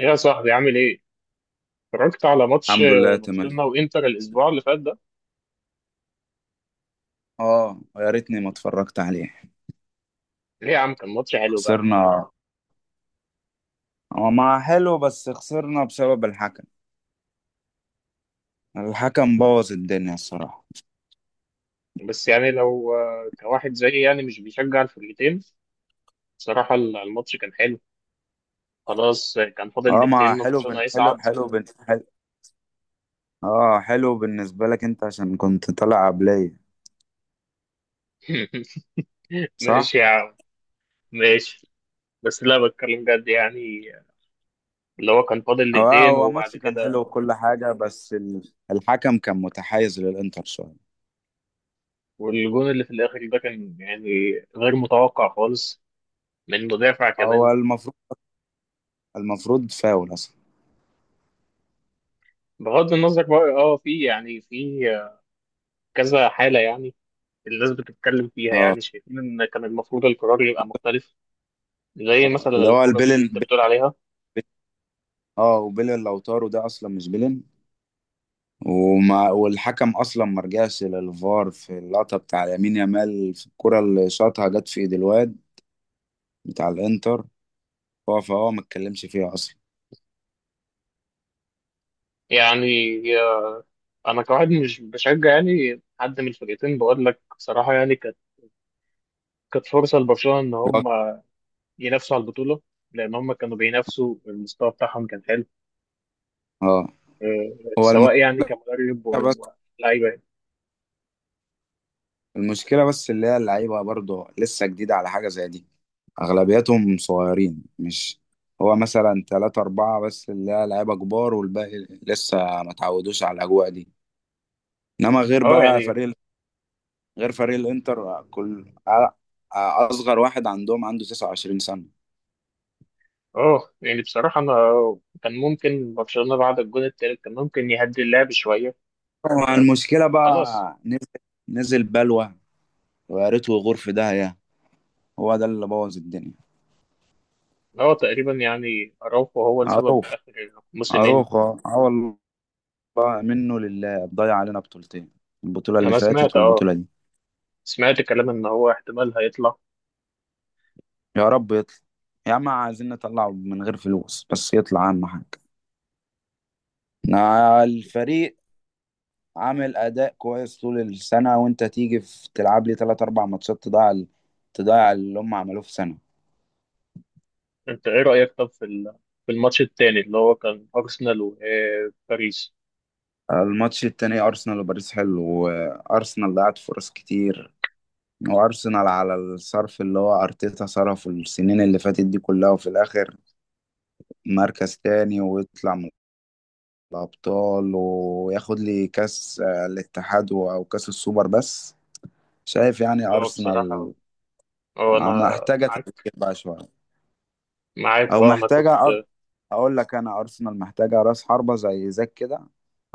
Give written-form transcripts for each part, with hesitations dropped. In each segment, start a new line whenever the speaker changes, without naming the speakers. ايه يا صاحبي عامل ايه؟ اتفرجت على ماتش
الحمد لله، تمام.
برشلونة وانتر الاسبوع اللي فات ده؟
اه، يا ريتني ما اتفرجت عليه.
ليه يا عم كان ماتش حلو بقى يعني.
خسرنا. هو ما حلو، بس خسرنا بسبب الحكم. الحكم بوظ الدنيا الصراحة.
بس يعني لو كواحد زيي يعني مش بيشجع الفرقتين، بصراحة الماتش كان حلو. خلاص كان فاضل
اه ما
دقيقتين
حلو
وبرشلونة هيصعد.
حلو حلو. اه حلو بالنسبة لك انت عشان كنت طالع قبلية. صح؟
ماشي يا عم، ماشي. بس لا بتكلم جد يعني، اللي هو كان فاضل
اه،
دقيقتين
هو
وبعد
ماتش كان حلو
كده،
وكل حاجة، بس الحكم كان متحيز للانتر شوية.
والجون اللي في الاخر ده كان يعني غير متوقع خالص، من مدافع
هو
كمان.
المفروض المفروض فاول اصلا.
بغض النظر بقى في يعني في كذا حالة، يعني الناس بتتكلم فيها،
اه،
يعني شايفين ان كان المفروض القرار يبقى مختلف، زي مثلا
اللي هو
الكوره دي اللي
البيلن
انت بتقول عليها.
اه، وبيلن لو طاروا ده اصلا مش بيلن. وما والحكم اصلا ما رجعش للفار في اللقطه بتاع يمين يامال، في الكره اللي شاطها جت في ايد الواد بتاع الانتر. هو فهو ما اتكلمش فيها اصلا.
يعني انا كواحد مش بشجع يعني حد من الفرقتين، بقول لك بصراحه يعني كانت فرصه لبرشلونه ان
هو،
هم ينافسوا على البطوله، لان هم كانوا بينافسوا، المستوى بتاعهم كان حلو،
اه. هو
سواء يعني كمدرب
المشكله بس
ولاعيبه.
المشكله بس اللي هي اللعيبه برضه لسه جديده على حاجه زي دي. اغلبيتهم صغيرين، مش. هو مثلا ثلاثة أربعة بس اللي هي لعيبة كبار، والباقي لسه ما اتعودوش على الأجواء دي. إنما غير
اه
بقى
يعني
غير فريق الإنتر، كل أصغر واحد عنده 29 سنة.
اه يعني بصراحه انا كان ممكن برشلونه بعد الجون التالت كان ممكن يهدي اللعب شويه.
هو
فاهم،
المشكلة بقى.
خلاص.
نزل نزل بلوى، ويا ريته يغور في داهية. هو ده اللي بوظ الدنيا.
هو تقريبا يعني أراوخو هو السبب
عروخ
آخر موسمين.
عروخ، اه، آه والله، منه لله، ضيع علينا بطولتين، البطولة اللي
أنا
فاتت
سمعت، أه
والبطولة دي.
سمعت كلام إن هو احتمال هيطلع.
يا رب يطلع. يا عم، عايزين نطلعه من غير فلوس، بس يطلع اهم حاجة. الفريق عامل أداء كويس طول السنة، وأنت تيجي في تلعب لي تلات أربع ماتشات تضيع تضيع اللي هم عملوه في سنة.
أنت إيه رأيك طب في في الماتش التاني اللي هو كان أرسنال وباريس؟
الماتش التاني أرسنال وباريس حلو، وأرسنال ضيعت فرص كتير. وارسنال على الصرف اللي هو ارتيتا صرفه السنين اللي فاتت دي كلها، وفي الاخر مركز تاني ويطلع من الابطال، وياخد لي كاس الاتحاد او كاس السوبر بس. شايف يعني
أه بصراحة،
ارسنال
أه أنا
محتاجه
معاك،
تغيير بقى شويه، او
أه أنا كنت.
محتاجه اقول لك، انا ارسنال محتاجه راس حربه زي زاك كده،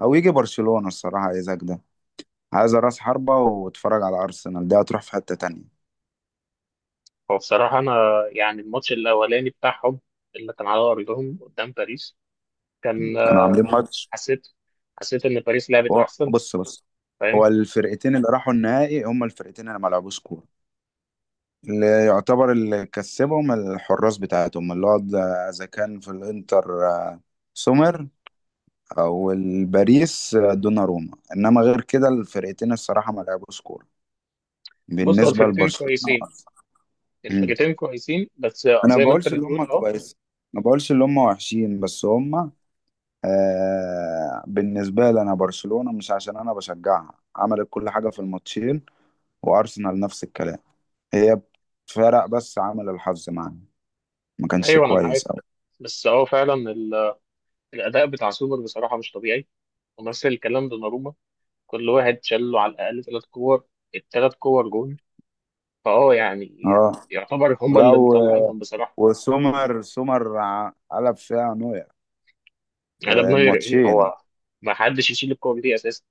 او يجي برشلونه الصراحه يا زاك ده. عايزه راس حربه، واتفرج على ارسنال ده هتروح في حته تانية.
هو بصراحة أنا يعني الماتش الأولاني بتاعهم اللي كان على أرضهم قدام باريس كان،
كانوا عاملين ماتش.
حسيت، إن باريس لعبت أحسن،
بص بص.
فاهم.
هو الفرقتين اللي راحوا النهائي هما الفرقتين اللي ما لعبوش كوره، اللي يعتبر اللي كسبهم الحراس بتاعتهم، اللي هو اذا كان في الانتر سومر، او الباريس دوناروما. انما غير كده الفرقتين الصراحه ما لعبوش كوره،
بص هو
بالنسبه
الفرقتين
لبرشلونه
كويسين،
وأرسنال. مم.
بس
انا ما
زي ما أنت
بقولش ان هم
بتقول، أه.
كويس، ما بقولش ان هم وحشين، بس هم، بالنسبه لي انا، برشلونه مش عشان انا بشجعها عملت كل حاجه في الماتشين، وارسنال نفس الكلام. هي فرق، بس عمل الحظ معانا، ما كانش
ايوه انا معاك،
كويس قوي.
بس هو فعلا الاداء بتاع سوبر بصراحه مش طبيعي، ونفس الكلام دوناروما، كل واحد شال له على الاقل ثلاث كور، الثلاث كور جون، فاه يعني
اه،
يعتبر هما
لا،
اللي مطلعينهم بصراحه،
سومر قلب فيها نوير
يعني ده
في
من غير ايه
الماتشين.
هو، ما حدش يشيل الكور دي اساسا،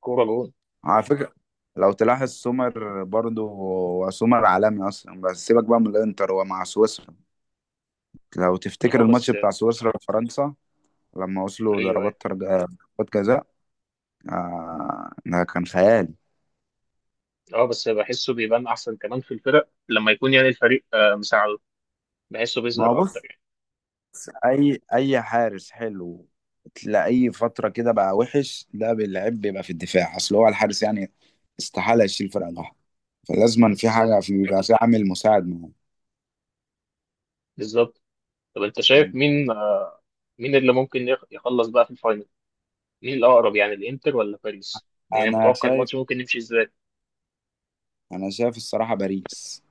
كوره جون.
على فكرة، لو تلاحظ سومر برضو، هو سومر عالمي اصلا، بس سيبك بقى من الانتر، هو مع سويسرا. لو تفتكر
اه
الماتش
بس
بتاع سويسرا وفرنسا، لما وصلوا
ايوه، أيوة.
ضربات جزاء، آه ده كان خيالي.
اه بس بحسه بيبان احسن كمان في الفرق، لما يكون يعني الفريق مساعده، بحسه
ما هو
بيظهر اكتر
بص،
يعني.
بس اي حارس حلو تلاقيه فتره كده بقى وحش. ده بيلعب بيبقى في الدفاع، اصل هو الحارس يعني استحاله يشيل فرقه لوحده، فلازما في
بالظبط،
حاجه، بيبقى في عامل مساعد معاه.
بالظبط. طب انت شايف مين، اللي ممكن يخلص بقى في الفاينل؟ ايه الاقرب يعني، الانتر ولا باريس؟ يعني
انا
متوقع
شايف
الماتش ممكن يمشي ازاي؟
انا شايف الصراحه باريس.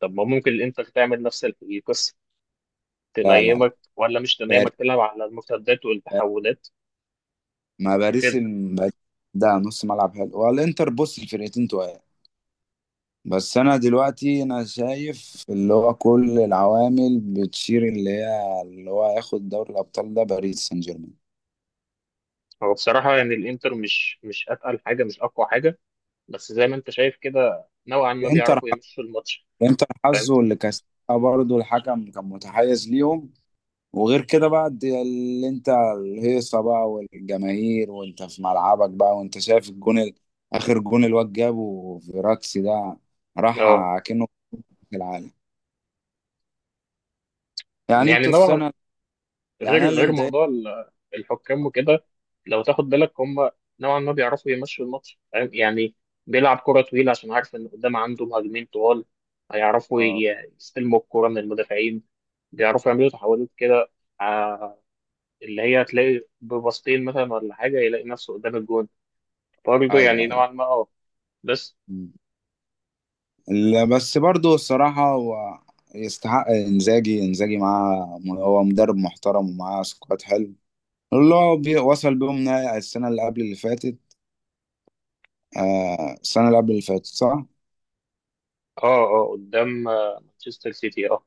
طب ما ممكن الانتر تعمل نفس القصه،
لا لا لا،
تنيمك ولا مش
باريس،
تنيمك، تلعب على المرتدات والتحولات
ما باريس
وكده.
الم- باريس ده نص ملعب حلو. والانتر، بص الفرقتين تقال، بس انا دلوقتي انا شايف اللي هو كل العوامل بتشير اللي هي اللي هو هياخد دوري الابطال ده باريس سان جيرمان.
هو بصراحه يعني الانتر مش اتقل حاجه، مش اقوى حاجه، بس زي ما انت شايف كده نوعا ما
الانتر،
بيعرفوا يمشوا الماتش،
انتر
فاهم.
حظه اللي كسبها، برضه الحكم كان متحيز ليهم. وغير كده بقى، اللي انت الهيصه بقى والجماهير وانت في ملعبك بقى، وانت شايف اخر جون، الواد جابه في راكسي ده، راح
اه
كأنه في العالم يعني.
يعني
انتوا
نوعا،
السنه يعني انا
غير
اللي
غير
مضايق.
موضوع الحكام وكده. لو تاخد بالك هم نوعا ما بيعرفوا يمشوا الماتش، فاهم؟ يعني بيلعب كرة طويلة عشان عارف إن قدام عنده مهاجمين طوال، هيعرفوا
اه،
يستلموا الكرة من المدافعين، بيعرفوا يعملوا تحولات كده، ع- اللي هي تلاقي ببسطين مثلا ولا حاجة يلاقي نفسه قدام الجون، برضه
ايوه،
يعني
ايوه.
نوعا ما. اه بس،
مم. لا، بس برضه الصراحه هو يستحق، انزاجي معاه، هو مدرب محترم ومعاه سكواد حلو. اللي هو وصل بيهم نهائي السنه اللي قبل اللي فاتت. السنة اللي قبل اللي فاتت، صح؟
اه قدام مانشستر سيتي، اه.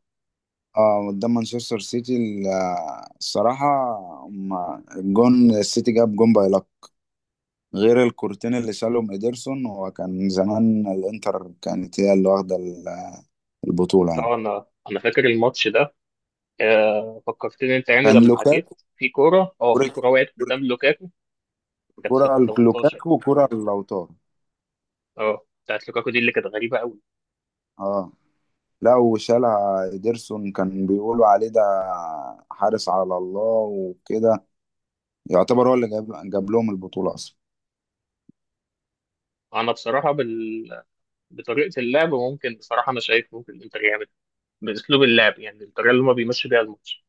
اه، قدام مانشستر سيتي، الصراحة هما الجون السيتي جاب جون باي لك، غير الكورتين اللي شالهم ايدرسون. هو كان زمان الانتر كانت هي اللي واخدة البطولة يعني.
اه انا فاكر الماتش ده، آه فكرتني انت يعني
كان
لما حكيت،
لوكاكو،
في كورة،
كرة،
وقعت قدام لوكاكو، كانت في ال
كرة
18.
لوكاكو وكرة لوتارو.
اه بتاعت لوكاكو دي اللي كانت غريبه قوي.
اه، لا وشالها ايدرسون، كان بيقولوا عليه ده حارس على الله وكده، يعتبر هو اللي جاب لهم البطولة اصلا.
انا بصراحه بطريقه اللعب ممكن، بصراحه انا شايف ممكن الانتر يعمل باسلوب اللعب، يعني الطريقه اللي هما بيمشوا بيها الماتش،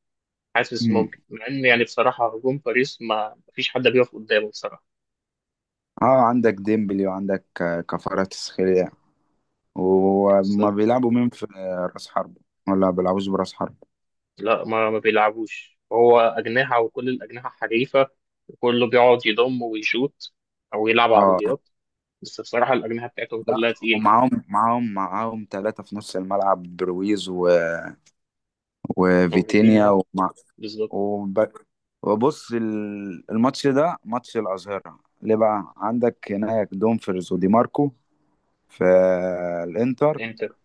حاسس ممكن مع ان يعني بصراحه هجوم باريس ما مفيش حد بيقف قدامه بصراحه.
اه عندك ديمبلي، وعندك كفاراتسخيليا، وما
بالظبط.
بيلعبوا مين في راس حرب ولا بيلعبوش براس حرب.
لا ما بيلعبوش، هو اجنحه، وكل الاجنحه حريفه، وكله بيقعد يضم ويشوت، او يلعب
اه،
عرضيات. بس بصراحه الاجنحه بتاعتهم
لا،
كلها تقيله.
معاهم ثلاثة في نص الملعب، برويز وفيتينيا
وفيتينها، بالظبط.
وب... وبص، الماتش ده ماتش الأظهرة. ليه بقى؟ عندك هناك دومفرز ودي ماركو في الإنتر،
انتر.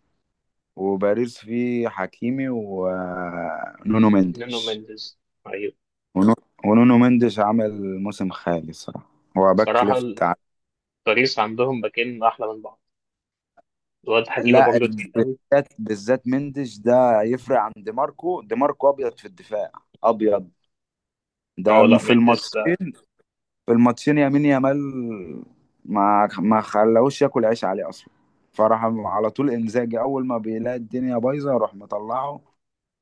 وباريس فيه حكيمي ونونو
نونو
مندش.
مينديز، ايوه.
ونو- ونونو مندش عمل موسم خالي الصراحة، هو باك
بصراحه
ليفت
باريس عندهم باكين احلى من بعض، الواد حكيمي
لا،
برضه تقيل قوي.
بالذات مندش ده يفرق عن دي ماركو. دي ماركو ابيض في الدفاع، ابيض، ده
اه لا،
في
مندز.
الماتشين، في الماتشين يمين يامال ما خلاهوش ياكل عيش عليه اصلا. فراح على طول انزاجي اول ما بيلاقي الدنيا بايظه، راح مطلعه،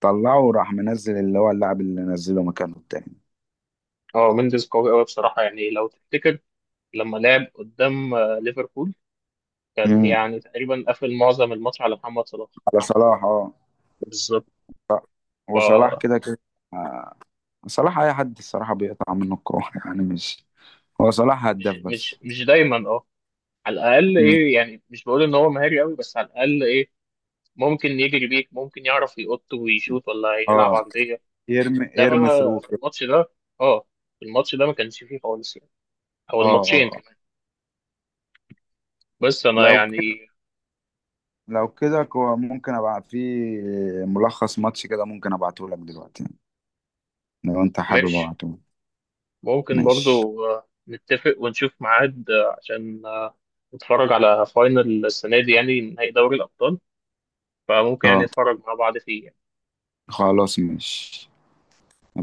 طلعه وراح منزل اللي هو اللاعب اللي نزله مكانه التاني.
اه مندز قوي قوي بصراحه. يعني لو تفتكر لما لعب قدام ليفربول، كان
مم.
يعني تقريبا قفل معظم الماتش على محمد صلاح.
على صلاح، اه.
بالظبط. ف
وصلاح كده كده. آه. صلاح اي حد الصراحه بيقطع منه الكوره يعني مش، هو صلاح هداف بس.
مش دايما اه، على الاقل
مم.
ايه، يعني مش بقول ان هو مهاري قوي، بس على الاقل ايه، ممكن يجري بيك، ممكن يعرف يقط ويشوط ولا
اه،
يلعب عرضيه. ده
يرمي ثرو
بقى في
كده.
الماتش ده، اه في الماتش ده ما كانش فيه خالص يعني، او
اه، اه،
الماتشين
آه.
كمان. بس انا
لو كده
يعني،
لو كده، ممكن ابعت فيه ملخص ماتش كده، ممكن ابعته لك دلوقتي يعني. لو انت حابب
ماشي.
ابعته.
ممكن
ماشي.
برضو نتفق ونشوف ميعاد عشان نتفرج على فاينل السنة دي، يعني نهائي دوري الأبطال، فممكن يعني
اه،
نتفرج مع بعض فيه يعني.
خلاص ماشي.